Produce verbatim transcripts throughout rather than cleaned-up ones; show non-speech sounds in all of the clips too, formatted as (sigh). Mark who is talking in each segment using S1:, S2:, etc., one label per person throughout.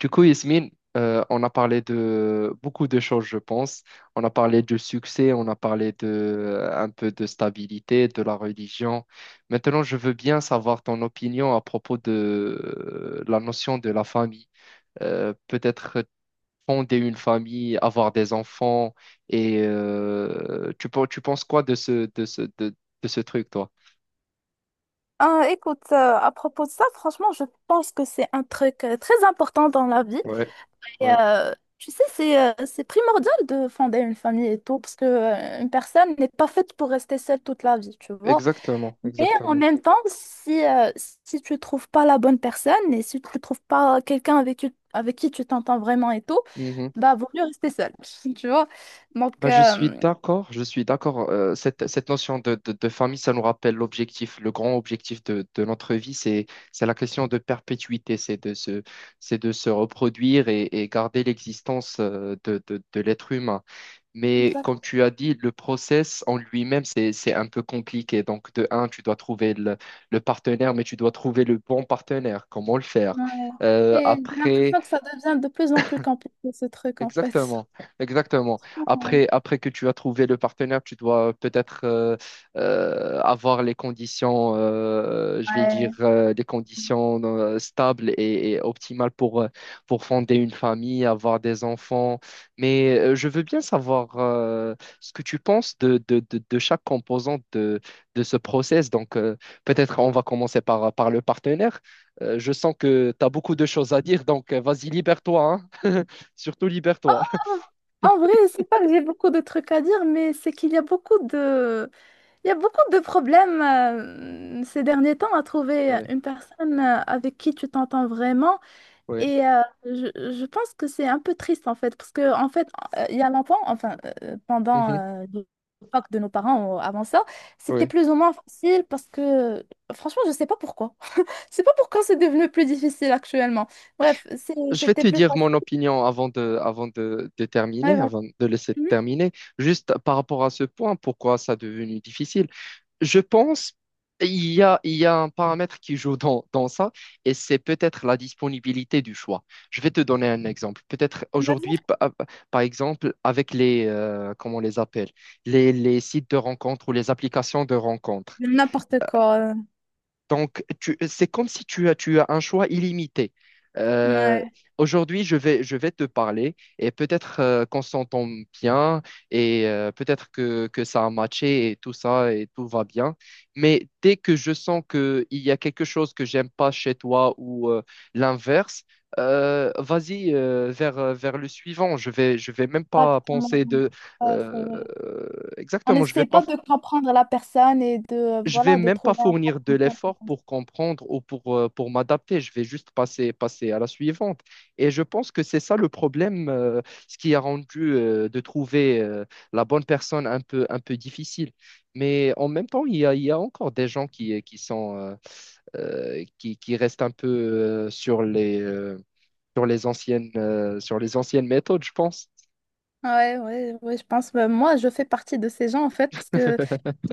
S1: Du coup, Yasmine, euh, on a parlé de beaucoup de choses, je pense. On a parlé de succès, on a parlé de euh, un peu de stabilité, de la religion. Maintenant, je veux bien savoir ton opinion à propos de euh, la notion de la famille. Euh, peut-être fonder une famille, avoir des enfants, et euh, tu, pen- tu penses quoi de ce, de ce, de, de ce truc, toi?
S2: Euh, écoute, euh, à propos de ça, franchement, je pense que c'est un truc euh, très important dans la vie.
S1: Ouais,
S2: Et,
S1: ouais,
S2: euh, tu sais, c'est euh, c'est primordial de fonder une famille et tout, parce que euh, une personne n'est pas faite pour rester seule toute la vie, tu vois.
S1: exactement,
S2: Mais en
S1: exactement.
S2: même temps, si, euh, si tu trouves pas la bonne personne et si tu trouves pas quelqu'un avec qui, avec qui tu t'entends vraiment et tout, bah, vaut mieux rester seule, (laughs) tu vois. Donc,
S1: Bah, je suis
S2: euh,
S1: d'accord, je suis d'accord. Euh, cette, cette notion de, de- de famille, ça nous rappelle l'objectif, le grand objectif de, de notre vie, c'est, c'est la question de perpétuité, c'est de se, c'est de se reproduire et, et garder l'existence euh, de, de- de l'être humain. Mais comme
S2: Exactement,
S1: tu as dit, le process en lui-même, c'est, c'est un peu compliqué. Donc, de un, tu dois trouver le, le partenaire, mais tu dois trouver le bon partenaire. Comment le faire?
S2: ouais.
S1: Euh,
S2: Et j'ai
S1: après,
S2: l'impression que ça devient de plus en plus compliqué, ce truc, en fait.
S1: Exactement, exactement. Après, après que tu as trouvé le partenaire, tu dois euh, peut-être euh, euh, avoir les conditions, euh, je vais dire,
S2: Ouais.
S1: euh, des conditions euh, stables et, et optimales pour, euh, pour fonder une famille, avoir des enfants. Mais euh, je veux bien savoir euh, ce que tu penses de, de, de, de chaque composante de, de ce process. Donc, euh, peut-être on va commencer par, par le partenaire. Euh, je sens que tu as beaucoup de choses à dire, donc euh, vas-y, libère-toi, hein. (laughs) Surtout libère-toi. (laughs)
S2: En vrai, c'est pas que j'ai beaucoup de trucs à dire, mais c'est qu'il y a beaucoup de, il y a beaucoup de problèmes euh, ces derniers temps à trouver
S1: Ouais,
S2: une personne euh, avec qui tu t'entends vraiment.
S1: ouais,
S2: Et euh, je, je pense que c'est un peu triste en fait, parce que en fait, euh, il y a longtemps, enfin euh, pendant
S1: mhm,
S2: euh, l'époque de nos parents ou avant ça, c'était
S1: ouais.
S2: plus ou moins facile parce que franchement, je sais pas pourquoi. (laughs) Je sais pas pourquoi c'est devenu plus difficile actuellement. Bref, c'est-
S1: Je vais
S2: c'était
S1: te
S2: plus
S1: dire mon
S2: facile.
S1: opinion avant de, avant de, de
S2: Ouais,
S1: terminer,
S2: voilà.
S1: avant de laisser terminer. Juste par rapport à ce point, pourquoi ça est devenu difficile? Je pense il y a, il y a un paramètre qui joue dans, dans ça, et c'est peut-être la disponibilité du choix. Je vais te donner un exemple. Peut-être
S2: Mhm.
S1: aujourd'hui, pa- par exemple, avec les, euh, comment on les appelle, les, les sites de rencontres ou les applications de rencontres.
S2: N'importe quoi.
S1: Donc, tu- c'est comme si tu as, tu as un choix illimité. Euh,
S2: Ouais,
S1: Aujourd'hui, je vais, je vais te parler et peut-être euh, qu'on s'entend bien et euh, peut-être que, que ça a matché et tout ça et tout va bien. Mais dès que je sens qu'il y a quelque chose que j'aime pas chez toi ou euh, l'inverse, euh, vas-y euh, vers, euh, vers le suivant. Je vais, je vais même pas
S2: exactement.
S1: penser de...
S2: Ouais, c'est
S1: euh,
S2: vrai. On
S1: exactement, je vais
S2: n'essaie
S1: pas
S2: pas de comprendre la personne et de, euh,
S1: je vais
S2: voilà, de
S1: même pas
S2: trouver un
S1: fournir de
S2: compromis.
S1: l'effort pour comprendre ou pour, euh, pour m'adapter. Je vais juste passer, passer à la suivante. Et je pense que c'est ça le problème, euh, ce qui a rendu euh, de trouver euh, la bonne personne un peu, un peu difficile. Mais en même temps, il y a, il y a encore des gens qui, qui sont, euh, euh, qui, qui restent un peu euh, sur les, euh, sur les anciennes, euh, sur les anciennes méthodes, je pense.
S2: Ouais, ouais, ouais, je pense. Bah, moi, je fais partie de ces gens, en fait, parce que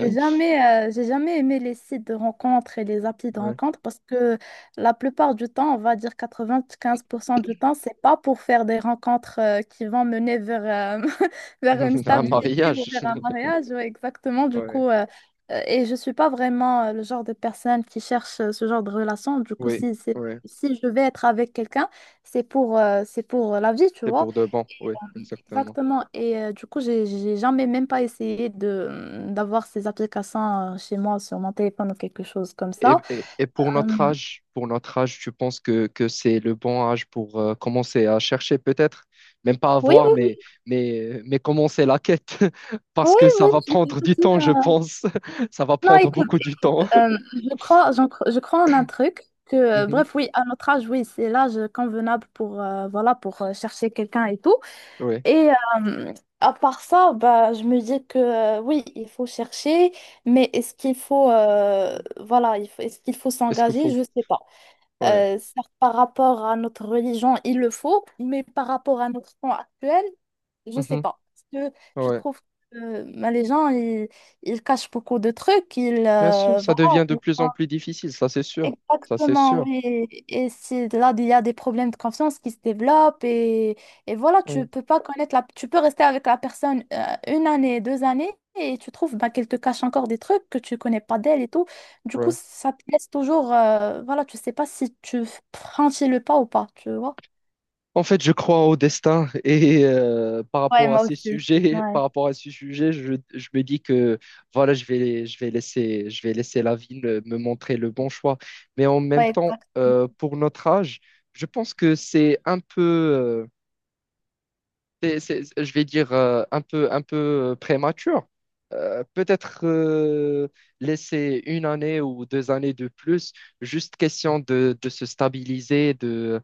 S2: j'ai jamais, euh, j'ai jamais aimé les sites de rencontres et les applis de
S1: Ouais.
S2: rencontres parce que la plupart du temps, on va dire quatre-vingt-quinze pour cent du temps, c'est pas pour faire des rencontres euh, qui vont mener vers, euh, (laughs)
S1: (laughs)
S2: vers
S1: Un
S2: une
S1: Ouais.
S2: stabilité ou
S1: Mariage.
S2: vers un
S1: (laughs)
S2: mariage. Ouais, exactement. Du
S1: Ouais.
S2: coup, euh, euh, et je suis pas vraiment euh, le genre de personne qui cherche euh, ce genre de relation. Du coup,
S1: Oui,
S2: si, c'est-
S1: oui.
S2: si je vais être avec quelqu'un, c'est pour, euh, c'est pour la vie, tu
S1: C'est
S2: vois.
S1: pour de bon, oui, exactement.
S2: Exactement. Et euh, du coup, j'ai j'ai jamais même pas essayé de mmh, d'avoir ces applications euh, chez moi sur mon téléphone ou quelque chose comme
S1: Et,
S2: ça.
S1: et, et pour
S2: Euh,
S1: notre âge, pour notre âge, tu penses que, que c'est le bon âge pour euh, commencer à chercher peut-être, même pas
S2: oui,
S1: avoir,
S2: oui,
S1: mais,
S2: oui.
S1: mais, mais commencer la quête, (laughs) parce
S2: Oui,
S1: que ça
S2: oui.
S1: va
S2: j'ai-
S1: prendre du
S2: j'ai-
S1: temps, je
S2: euh,
S1: pense. (laughs) Ça va
S2: (laughs) Non,
S1: prendre
S2: écoute,
S1: beaucoup du temps.
S2: euh,
S1: (laughs)
S2: je crois, j'en cro- je crois en un truc que, euh,
S1: Mhm.
S2: bref, oui, à notre âge, oui, c'est l'âge convenable pour, euh, voilà, pour euh, chercher quelqu'un et tout.
S1: Ouais.
S2: Et euh, à part ça, bah, je me dis que, euh, oui, il faut chercher, mais est-ce qu'il faut, euh, voilà, il faut- est-ce qu'il faut
S1: Est-ce qu'il
S2: s'engager?
S1: faut...
S2: Je sais pas.
S1: Ouais.
S2: Euh, certes, par rapport à notre religion, il le faut, mais par rapport à notre temps actuel, je sais
S1: Mhm.
S2: pas. Parce que je
S1: Ouais.
S2: trouve que euh, bah, les gens, ils, ils cachent beaucoup de trucs. Ils,
S1: Bien sûr,
S2: euh,
S1: ça
S2: voilà,
S1: devient de plus en plus difficile, ça c'est sûr. Ça c'est
S2: exactement,
S1: sûr.
S2: oui. Et c'est là, il y a des problèmes de confiance qui se développent et, et voilà, tu
S1: Oui.
S2: peux pas connaître la, tu peux rester avec la personne euh, une année, deux années et tu trouves bah, qu'elle te cache encore des trucs que tu connais pas d'elle et tout. Du coup,
S1: Ouais.
S2: ça te laisse toujours, euh, voilà, tu sais pas si tu franchis le pas ou pas, tu vois.
S1: En fait, je crois au destin et euh, par
S2: Ouais,
S1: rapport à
S2: moi
S1: ces
S2: aussi.
S1: sujets, (laughs) par
S2: Ouais,
S1: rapport à ces sujets, je, je me dis que voilà, je vais, je vais laisser, je vais laisser la vie me me montrer le bon choix. Mais en même
S2: ouais,
S1: temps,
S2: exact.
S1: euh, pour notre âge, je pense que c'est un peu, euh, c'est- c'est- je vais dire, euh, un peu, un peu euh, prémature. Euh, peut-être euh, laisser une année ou deux années de plus, juste question de, de se stabiliser, de,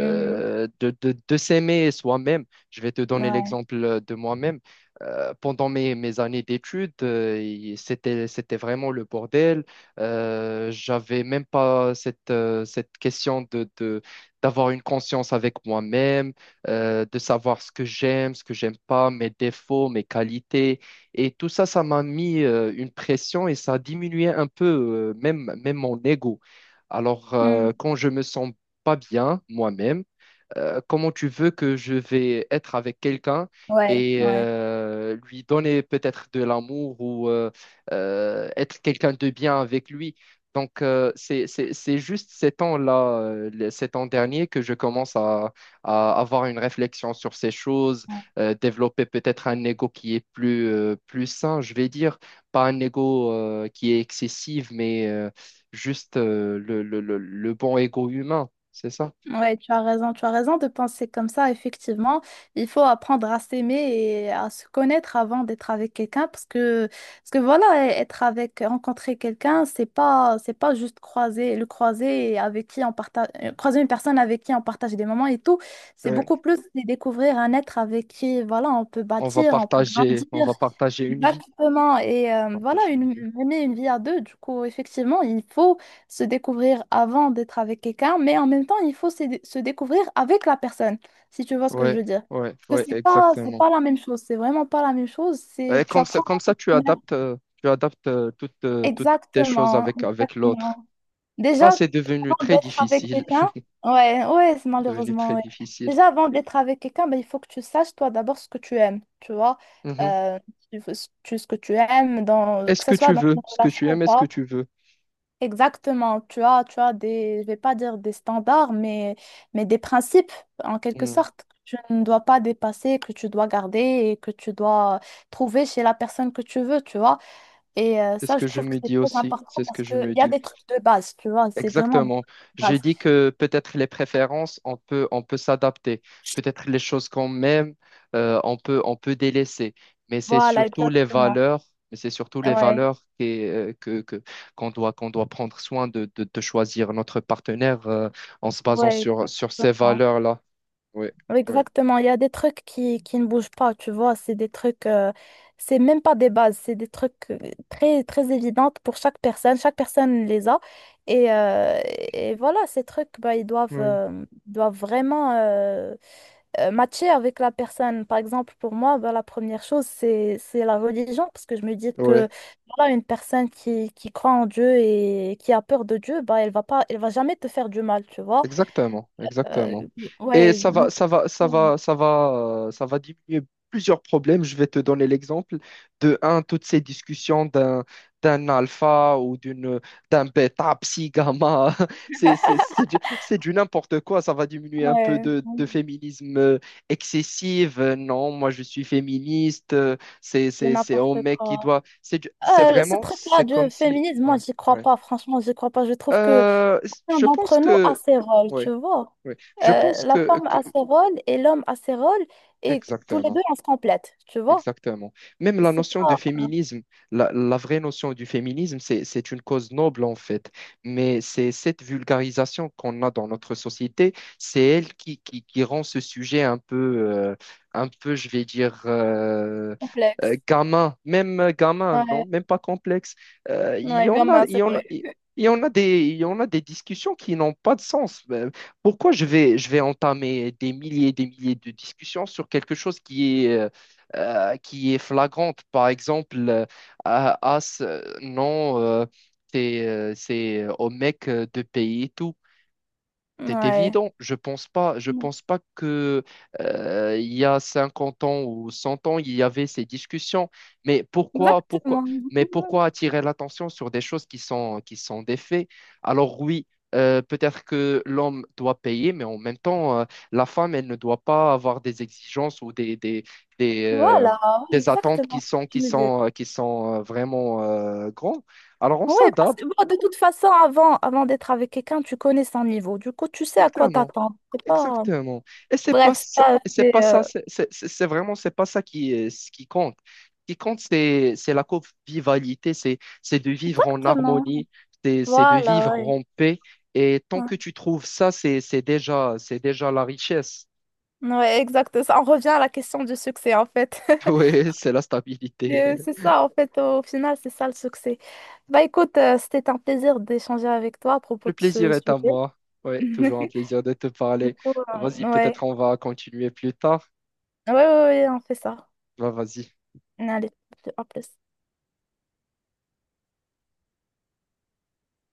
S2: Mm.
S1: de, de, de s'aimer soi-même. Je vais te donner
S2: Ouais.
S1: l'exemple de moi-même. Euh, pendant mes, mes années d'études, euh, il- c'était, c'était vraiment le bordel. Euh, j'avais même pas cette, euh, cette question de, de, d'avoir une conscience avec moi-même euh, de savoir ce que j'aime, ce que j'aime pas, mes défauts, mes qualités. Et tout ça, ça m'a mis euh, une pression et ça diminuait un peu euh, même, même mon ego. Alors, euh,
S2: Mm.
S1: quand je me sens pas bien moi-même, euh, comment tu veux que je vais être avec quelqu'un
S2: Ouais,
S1: et
S2: ouais.
S1: euh, lui donner peut-être de l'amour ou euh, euh, être quelqu'un de bien avec lui. Donc, euh, c'est, c'est, c'est juste ces temps-là, euh, les- ces temps derniers, que je commence à, à avoir une réflexion sur ces choses, euh, développer peut-être un ego qui est plus, euh, plus sain, je vais dire, pas un ego euh, qui est excessif, mais euh, juste euh, le, le, le, le bon ego humain, c'est ça?
S2: Ouais, tu as raison, tu as raison de penser comme ça, effectivement. Il faut apprendre à s'aimer et à se connaître avant d'être avec quelqu'un parce que, parce que voilà, être avec, rencontrer quelqu'un, c'est pas, c'est pas juste croiser, le croiser et avec qui on partage, euh, croiser une personne avec qui on partage des moments et tout. C'est beaucoup plus de découvrir un être avec qui, voilà, on peut
S1: On va
S2: bâtir, on peut
S1: partager, on
S2: grandir.
S1: va partager une vie.
S2: Exactement. Et euh, voilà,
S1: Partager
S2: une,
S1: une vie.
S2: mener une vie à deux, du coup, effectivement, il faut se découvrir avant d'être avec quelqu'un, mais en même temps, il faut se, se découvrir avec la personne, si tu vois ce que je
S1: Ouais,
S2: veux dire.
S1: ouais,
S2: Parce
S1: ouais,
S2: que c'est pas, c'est
S1: exactement.
S2: pas la même chose, c'est vraiment pas la même chose.
S1: Et
S2: C'est, tu
S1: comme ça,
S2: apprends
S1: comme
S2: à
S1: ça,
S2: te
S1: tu
S2: connaître.
S1: adaptes, euh, tu adaptes euh, toutes, euh, toutes tes choses
S2: Exactement,
S1: avec, avec l'autre.
S2: exactement.
S1: Bah,
S2: Déjà,
S1: c'est devenu
S2: avant
S1: très
S2: d'être avec
S1: difficile.
S2: quelqu'un,
S1: (laughs)
S2: ouais, ouais, c'est-
S1: C'est devenu
S2: malheureusement,
S1: très
S2: ouais.
S1: difficile.
S2: Déjà, avant d'être avec quelqu'un, ben, il faut que tu saches, toi, d'abord, ce que tu aimes, tu vois.
S1: Mhm.
S2: Euh, tu, tu- ce que tu aimes, dans, que
S1: Est-ce
S2: ce
S1: que
S2: soit
S1: tu
S2: dans une
S1: veux ce que
S2: relation
S1: tu
S2: ou
S1: aimes, est-ce que
S2: pas.
S1: tu veux?
S2: Exactement, tu as, tu as des, je vais pas dire des standards, mais, mais des principes, en quelque
S1: Mhm.
S2: sorte, que tu ne dois pas dépasser, que tu dois garder et que tu dois trouver chez la personne que tu veux, tu vois. Et euh,
S1: C'est ce
S2: ça, je
S1: que je
S2: trouve que
S1: me
S2: c'est
S1: dis
S2: très
S1: aussi.
S2: important
S1: C'est ce
S2: parce
S1: que je
S2: qu'il
S1: me
S2: y a
S1: dis.
S2: des trucs de base, tu vois, c'est vraiment des
S1: Exactement.
S2: trucs de
S1: J'ai
S2: base.
S1: dit que peut-être les préférences, on peut, on peut s'adapter. Peut-être les choses qu'on aime, euh, on peut, on peut délaisser. Mais c'est
S2: Voilà,
S1: surtout les
S2: exactement.
S1: valeurs, mais c'est surtout les
S2: Ouais,
S1: valeurs qui, euh, que, que, qu'on doit, qu'on doit prendre soin de, de, de choisir notre partenaire, euh, en se basant
S2: ouais,
S1: sur, sur ces
S2: exactement.
S1: valeurs-là. Oui,
S2: Ouais, exactement, il y a des trucs qui, qui ne bougent pas, tu vois, c'est des trucs, euh, c'est même pas des bases, c'est des trucs euh, très, très évidentes pour chaque personne, chaque personne les a. Et, euh, et voilà, ces trucs, bah, ils doivent,
S1: oui,
S2: euh, doivent vraiment, euh, euh, matcher avec la personne. Par exemple, pour moi, ben, la première chose, c'est, c'est la religion, parce que je me dis
S1: oui,
S2: que voilà, une personne qui, qui croit en Dieu et qui a peur de Dieu, bah elle va pas, elle va jamais te faire du mal, tu vois.
S1: exactement,
S2: Euh,
S1: exactement. Et
S2: ouais,
S1: ça
S2: non.
S1: va, ça va, ça va, ça va, euh, ça va diminuer plusieurs problèmes. Je vais te donner l'exemple de un, toutes ces discussions d'un d'un alpha ou d'une d'un bêta, psi, gamma. (laughs) C'est c'est c'est du, c'est du n'importe quoi. Ça va diminuer un peu
S2: Ouais,
S1: de, de féminisme euh, excessif. Euh, Non, moi je suis féministe. Euh, C'est
S2: de
S1: c'est c'est au
S2: n'importe
S1: mec qui
S2: quoi.
S1: doit. C'est du- c'est
S2: Euh, ce
S1: vraiment
S2: truc-là
S1: C'est
S2: de
S1: comme si.
S2: féminisme,
S1: Ouais,
S2: moi, j'y crois
S1: ouais.
S2: pas, franchement, j'y crois pas. Je trouve que
S1: Euh,
S2: l'un
S1: je pense
S2: d'entre nous a
S1: que.
S2: ses rôles, tu
S1: Ouais.
S2: vois.
S1: Oui, je
S2: Euh,
S1: pense
S2: la
S1: que,
S2: femme
S1: que-
S2: a ses rôles et l'homme a ses rôles, et tous les deux,
S1: exactement.
S2: on se complète, tu vois.
S1: Exactement. Même la
S2: C'est
S1: notion de
S2: pas.
S1: féminisme, la, la vraie notion du féminisme, c'est, c'est une cause noble en fait. Mais c'est cette vulgarisation qu'on a dans notre société, c'est elle qui, qui, qui rend ce sujet un peu, euh, un peu, je vais dire, euh, euh,
S2: Complexe.
S1: gamin, même euh, gamin, non,
S2: Ouais,
S1: même pas complexe. Euh, Il y
S2: ouais,
S1: en a,
S2: grand-mère,
S1: il y
S2: c'est
S1: en a,
S2: vrai.
S1: il y en a des, Il y en a des discussions qui n'ont pas de sens. Euh, Pourquoi je vais, je vais entamer des milliers et des milliers de discussions sur quelque chose qui est euh, euh, qui est flagrante. Par exemple, euh, ah, ah, ce- non, euh, c'est euh, c'est, euh, au mec euh, de payer tout. C'est
S2: Ouais.
S1: évident. Je pense pas, je
S2: Mm.
S1: pense pas que euh, il y a cinquante ans ou cent ans, il y avait ces discussions. Mais pourquoi, pourquoi,
S2: Exactement.
S1: mais pourquoi attirer l'attention sur des choses qui sont, qui sont des faits? Alors oui, euh, peut-être que l'homme doit payer, mais en même temps, euh, la femme, elle ne doit pas avoir des exigences ou des, des, des, euh,
S2: Voilà,
S1: des attentes
S2: exactement
S1: qui sont,
S2: ce que tu
S1: qui
S2: me dis.
S1: sont, qui sont euh, vraiment euh, grandes. Alors on
S2: Oui, parce
S1: s'adapte.
S2: que bon, de toute façon, avant, avant d'être avec quelqu'un, tu connais son niveau. Du coup, tu sais à quoi
S1: Exactement.
S2: t'attendre. C'est pas...
S1: Exactement. Et c'est pas
S2: Bref,
S1: ça,
S2: ça,
S1: c'est
S2: c'est...
S1: pas
S2: euh,
S1: ça, c'est c'est- c'est- C'est vraiment, c'est pas ça qui, euh, ce qui compte. Ce qui compte, c'est, c'est la convivialité, c'est, c'est de vivre en
S2: Exactement.
S1: harmonie, c'est, c'est de
S2: Voilà,
S1: vivre
S2: ouais.
S1: en paix. Et tant
S2: Ouais,
S1: que tu trouves ça, c'est, c'est déjà, c'est déjà la richesse.
S2: ouais, exact. Ça, on revient à la question du succès, en fait.
S1: (laughs)
S2: (laughs)
S1: Oui, c'est la stabilité.
S2: Euh, C'est
S1: (laughs)
S2: ça, en fait, au final, c'est ça le succès. Bah écoute, euh, c'était un plaisir d'échanger avec toi à propos
S1: Le
S2: de
S1: plaisir
S2: ce
S1: est à
S2: sujet.
S1: moi. Oui, toujours un
S2: (laughs)
S1: plaisir de te
S2: Du
S1: parler.
S2: coup,
S1: Vas-y,
S2: euh,
S1: peut-être
S2: ouais.
S1: on va continuer plus tard.
S2: Ouais, ouais, ouais, on fait ça.
S1: Bah, vas-y.
S2: Allez, à plus.